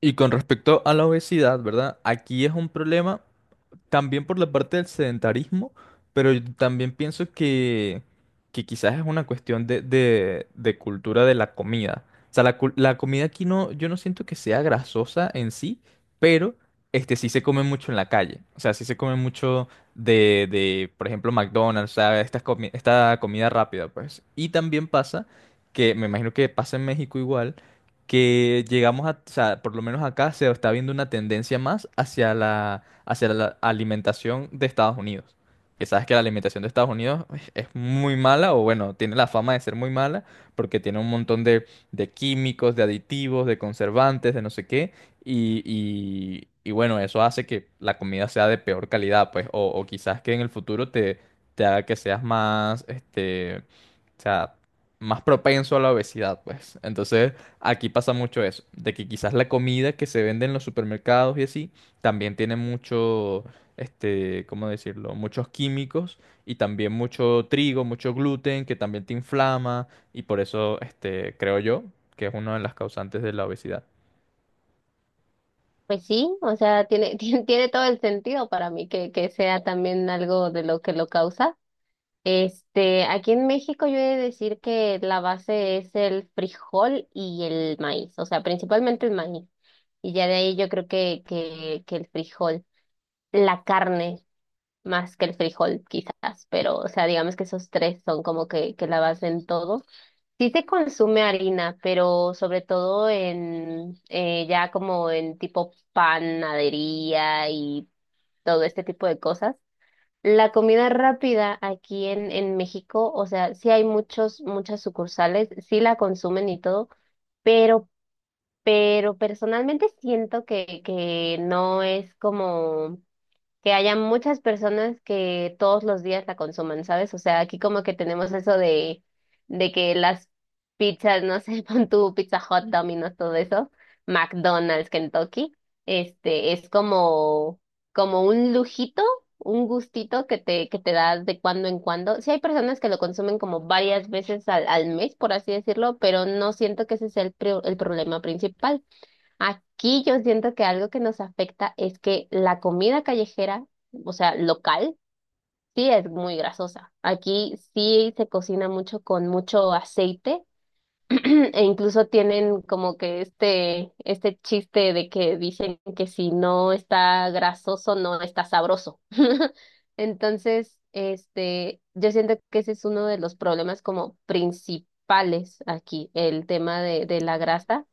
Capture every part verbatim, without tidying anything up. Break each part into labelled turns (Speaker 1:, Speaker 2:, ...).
Speaker 1: Y con respecto a la obesidad, ¿verdad? Aquí es un problema. También por la parte del sedentarismo, pero yo también pienso que, que quizás es una cuestión de, de- de cultura de la comida. O sea, la, cul- la comida aquí no, yo no siento que sea grasosa en sí, pero este sí se come mucho en la calle. O sea, sí se come mucho de, de, por ejemplo, McDonald's, o sea, esta, comi- esta comida rápida, pues. Y también pasa que, me imagino que pasa en México igual, que llegamos a, o sea, por lo menos acá se está viendo una tendencia más hacia la hacia la alimentación de Estados Unidos. Que sabes que la alimentación de Estados Unidos es es muy mala, o bueno, tiene la fama de ser muy mala, porque tiene un montón de, de químicos, de aditivos, de conservantes, de no sé qué, y, y- y bueno, eso hace que la comida sea de peor calidad, pues, o, o quizás que en el futuro te, te haga que seas más, este, o sea, más propenso a la obesidad, pues. Entonces, aquí pasa mucho eso, de que quizás la comida que se vende en los supermercados y así, también tiene mucho, este, ¿cómo decirlo? Muchos químicos y también mucho trigo, mucho gluten, que también te inflama y por eso, este, creo yo, que es una de las causantes de la obesidad.
Speaker 2: Pues sí, o sea, tiene, tiene, tiene todo el sentido para mí que, que sea también algo de lo que lo causa. Este, aquí en México yo he de decir que la base es el frijol y el maíz, o sea, principalmente el maíz. Y ya de ahí yo creo que, que, que el frijol, la carne más que el frijol quizás, pero o sea, digamos que esos tres son como que, que la base en todo. Sí se consume harina, pero sobre todo en eh, ya como en tipo panadería y todo este tipo de cosas. La comida rápida aquí en, en México, o sea, sí hay muchos, muchas sucursales, sí la consumen y todo, pero, pero personalmente siento que, que no es como que haya muchas personas que todos los días la consuman, ¿sabes? O sea, aquí como que tenemos eso de, de que las pizzas, no sé, pon tu Pizza Hut, Domino's, todo eso, McDonald's, Kentucky, este, es como, como un lujito, un gustito que te, que te das de cuando en cuando. Sí hay personas que lo consumen como varias veces al, al mes, por así decirlo, pero no siento que ese sea el, pro- el problema principal. Aquí yo siento que algo que nos afecta es que la comida callejera, o sea, local, sí es muy grasosa. Aquí sí se cocina mucho con mucho aceite. E incluso tienen como que este, este chiste de que dicen que si no está grasoso, no está sabroso. Entonces, este, yo siento que ese es uno de los problemas como principales aquí, el tema de, de la grasa.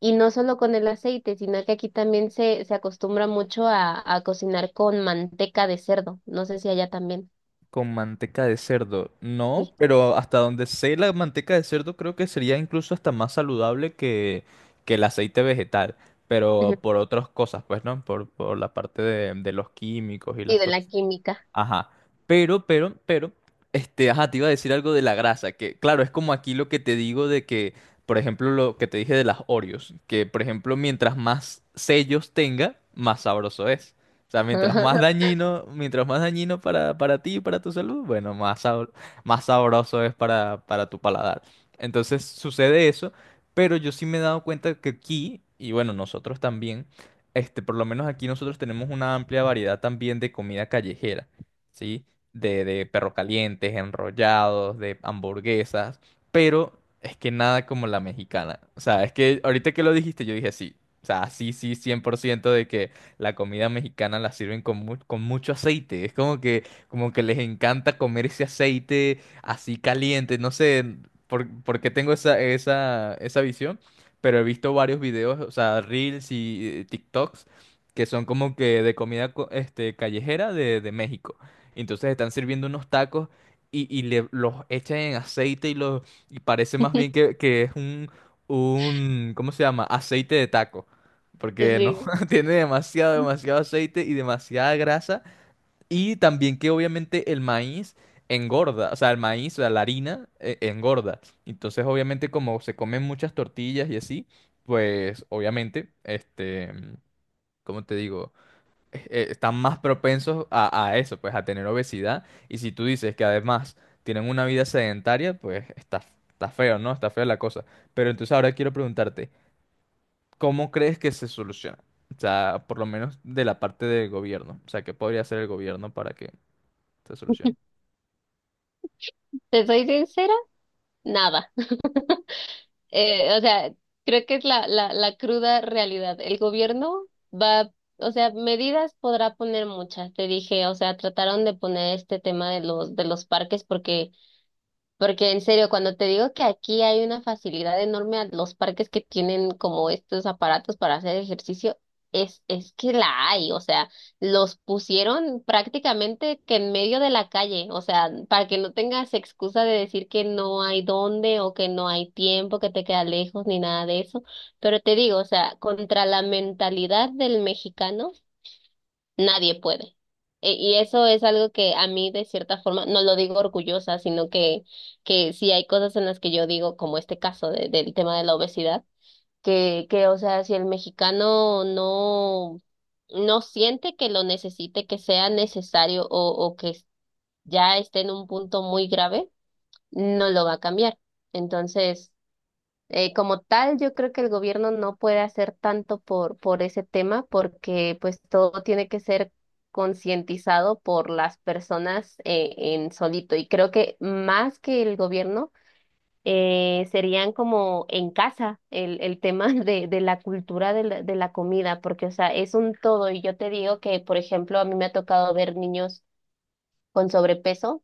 Speaker 2: Y no solo con el aceite, sino que aquí también se, se acostumbra mucho a, a cocinar con manteca de cerdo. No sé si allá también.
Speaker 1: Con manteca de cerdo. No,
Speaker 2: Sí,
Speaker 1: pero hasta donde sé, la manteca de cerdo creo que sería incluso hasta más saludable que, que el aceite vegetal. Pero
Speaker 2: ujú.
Speaker 1: por otras cosas, pues, ¿no? Por, por la parte de, de los químicos y
Speaker 2: Sí,
Speaker 1: las.
Speaker 2: de la química.
Speaker 1: Ajá. Pero, pero, pero, este, ajá, te iba a decir algo de la grasa, que claro, es como aquí lo que te digo de que, por ejemplo, lo que te dije de las Oreos, que por ejemplo, mientras más sellos tenga, más sabroso es. O sea, mientras más dañino, mientras más dañino para, para ti y para tu salud, bueno, más, sabro- más sabroso es para, para tu paladar. Entonces sucede eso, pero yo sí me he dado cuenta que aquí, y bueno, nosotros también, este, por lo menos aquí nosotros tenemos una amplia variedad también de comida callejera. ¿Sí? De, de perro calientes, enrollados, de hamburguesas, pero es que nada como la mexicana. O sea, es que ahorita que lo dijiste, yo dije sí. O sea, sí, sí, cien por ciento de que la comida mexicana la sirven con, mu- con mucho aceite. Es como que, como que les encanta comer ese aceite así caliente. No sé por, por qué tengo esa, esa, esa visión, pero he visto varios videos, o sea, Reels y eh, TikToks, que son como que de comida co- este, callejera de de México. Entonces están sirviendo unos tacos y, y le, los echan en aceite y, los, y parece más bien que, que es un, un, ¿cómo se llama? Aceite de taco. Porque no,
Speaker 2: Sí.
Speaker 1: tiene demasiado, demasiado aceite y demasiada grasa. Y también que obviamente el maíz engorda, o sea, el maíz, o sea, la harina eh, engorda. Entonces obviamente como se comen muchas tortillas y así, pues obviamente, este, ¿cómo te digo? Eh, están más propensos a, a eso, pues a tener obesidad. Y si tú dices que además tienen una vida sedentaria, pues está, está feo, ¿no? Está fea la cosa. Pero entonces ahora quiero preguntarte, ¿cómo crees que se soluciona? O sea, por lo menos de la parte del gobierno. O sea, ¿qué podría hacer el gobierno para que se solucione?
Speaker 2: ¿Te soy sincera? Nada. Eh, o sea, creo que es la, la, la cruda realidad. El gobierno va, o sea, medidas podrá poner muchas. Te dije, o sea, trataron de poner este tema de los, de los parques porque porque en serio, cuando te digo que aquí hay una facilidad enorme a los parques que tienen como estos aparatos para hacer ejercicio, es, es que la hay, o sea, los pusieron prácticamente que en medio de la calle, o sea, para que no tengas excusa de decir que no hay dónde o que no hay tiempo, que te queda lejos ni nada de eso. Pero te digo, o sea, contra la mentalidad del mexicano. Nadie puede. E- Y eso es algo que a mí de cierta forma, no lo digo orgullosa, sino que, que sí hay cosas en las que yo digo, como este caso de- del tema de la obesidad, que, que, o sea, si el mexicano no, no siente que lo necesite, que sea necesario o, o que ya esté en un punto muy grave, no lo va a cambiar. Entonces, eh, como tal, yo creo que el gobierno no puede hacer tanto por, por ese tema porque pues todo tiene que ser concientizado por las personas eh, en solito. Y creo que más que el gobierno eh, serían como en casa el, el tema de, de la cultura de la, de la comida, porque o sea, es un todo. Y yo te digo que, por ejemplo, a mí me ha tocado ver niños con sobrepeso,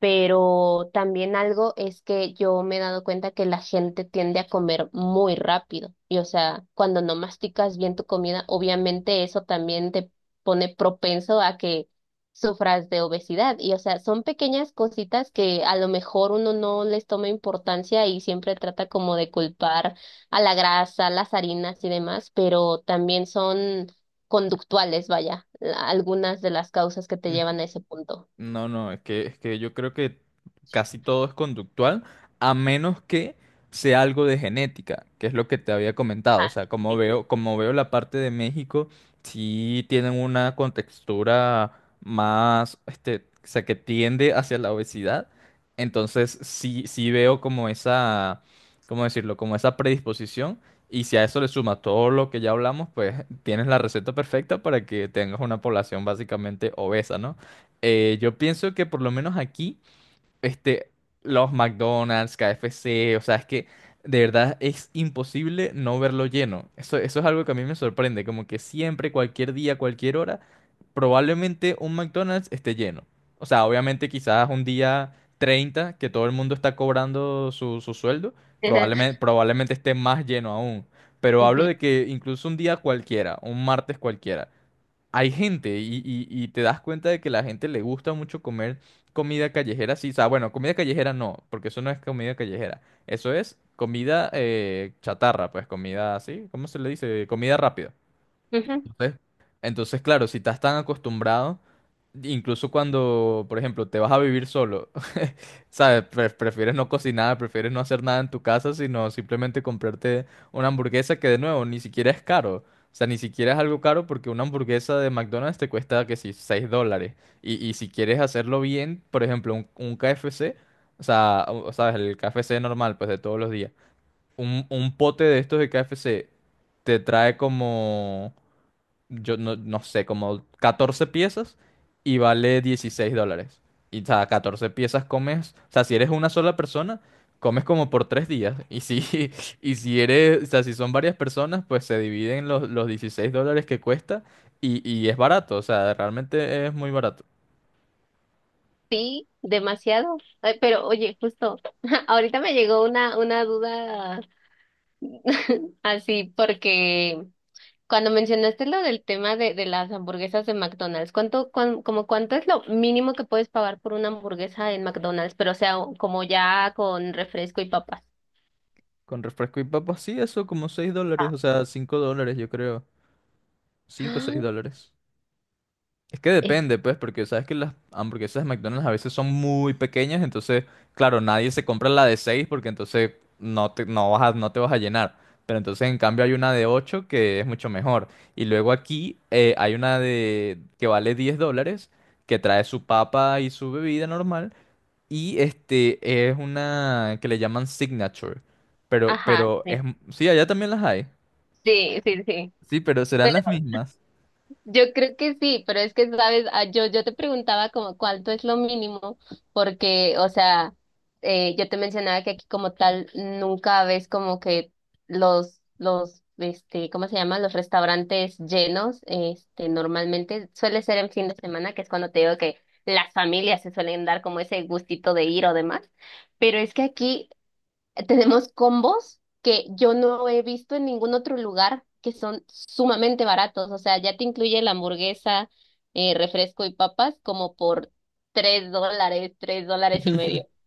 Speaker 2: pero también algo es que yo me he dado cuenta que la gente tiende a comer muy rápido y, o sea, cuando no masticas bien tu comida, obviamente eso también te pone propenso a que sufras de obesidad y, o sea, son pequeñas cositas que a lo mejor uno no les toma importancia y siempre trata como de culpar a la grasa, las harinas y demás, pero también son conductuales, vaya, la- algunas de las causas que te llevan a ese punto.
Speaker 1: No, no, es que, es que yo creo que casi todo es conductual, a menos que sea algo de genética, que es lo que te había comentado. O
Speaker 2: Ah,
Speaker 1: sea, como
Speaker 2: sí.
Speaker 1: veo, como veo la parte de México, sí tienen una contextura más, este, o sea, que tiende hacia la obesidad. Entonces, sí, sí veo como esa, ¿cómo decirlo? Como esa predisposición. Y si a eso le sumas todo lo que ya hablamos, pues tienes la receta perfecta para que tengas una población básicamente obesa, ¿no? Eh, yo pienso que por lo menos aquí, este, los McDonald's, K F C, o sea, es que de verdad es imposible no verlo lleno. Eso, eso es algo que a mí me sorprende, como que siempre, cualquier día, cualquier hora, probablemente un McDonald's esté lleno. O sea, obviamente quizás un día treinta que todo el mundo está cobrando su, su sueldo, probablemente, probablemente esté más lleno aún. Pero hablo
Speaker 2: Ujú,
Speaker 1: de que incluso un día cualquiera, un martes cualquiera hay gente y, y- y te das cuenta de que la gente le gusta mucho comer comida callejera, sí, o sea, bueno, comida callejera no, porque eso no es comida callejera, eso es comida eh, chatarra, pues comida así, ¿cómo se le dice? Comida rápida.
Speaker 2: ujú.
Speaker 1: ¿Sí? Entonces, claro, si estás tan acostumbrado, incluso cuando, por ejemplo, te vas a vivir solo, ¿sabes? Pre- prefieres no cocinar, prefieres no hacer nada en tu casa, sino simplemente comprarte una hamburguesa que de nuevo ni siquiera es caro. O sea, ni siquiera es algo caro porque una hamburguesa de McDonald's te cuesta que si seis dólares. Y, y si quieres hacerlo bien, por ejemplo, un, un K F C, o sea, o- ¿sabes? El K F C normal, pues de todos los días. Un, un pote de estos de K F C te trae como yo no, no sé, como catorce piezas y vale dieciséis dólares. Y, o sea, catorce piezas comes, o sea, si eres una sola persona, comes como por tres días. Y si, y si eres, o sea, si son varias personas, pues se dividen los, los dieciséis dólares que cuesta y, y es barato, o sea, realmente es muy barato.
Speaker 2: Sí, demasiado. Ay, pero oye, justo, ahorita me llegó una, una duda así, porque cuando mencionaste lo del tema de, de las hamburguesas de McDonald's, ¿cuánto, cuán- como cuánto es lo mínimo que puedes pagar por una hamburguesa en McDonald's? Pero o sea, o- como ya con refresco y papas.
Speaker 1: Con refresco y papas, sí, eso como seis dólares,
Speaker 2: Ah,
Speaker 1: o sea, cinco dólares yo creo. Cinco o seis dólares. Es que
Speaker 2: es-
Speaker 1: depende, pues, porque sabes que las hamburguesas de McDonald's a veces son muy pequeñas, entonces, claro, nadie se compra la de seis porque entonces no te, no vas a- no te vas a llenar. Pero entonces, en cambio, hay una de ocho que es mucho mejor. Y luego aquí eh, hay una de que vale diez dólares, que trae su papa y su bebida normal. Y este es una que le llaman Signature. Pero,
Speaker 2: Ajá,
Speaker 1: pero
Speaker 2: sí,
Speaker 1: es, sí, allá también las hay.
Speaker 2: sí, sí, sí.
Speaker 1: Sí, pero serán las mismas.
Speaker 2: Yo creo que sí, pero es que, sabes, ah, yo, yo te preguntaba como cuánto es lo mínimo, porque, o sea, eh, yo te mencionaba que aquí como tal nunca ves como que los, los, este, ¿cómo se llama? Los restaurantes llenos, este, normalmente suele ser en fin de semana, que es cuando te digo que las familias se suelen dar como ese gustito de ir o demás, pero es que aquí tenemos combos que yo no he visto en ningún otro lugar que son sumamente baratos. O sea, ya te incluye la hamburguesa, eh, refresco y papas como por tres dólares, tres dólares y medio.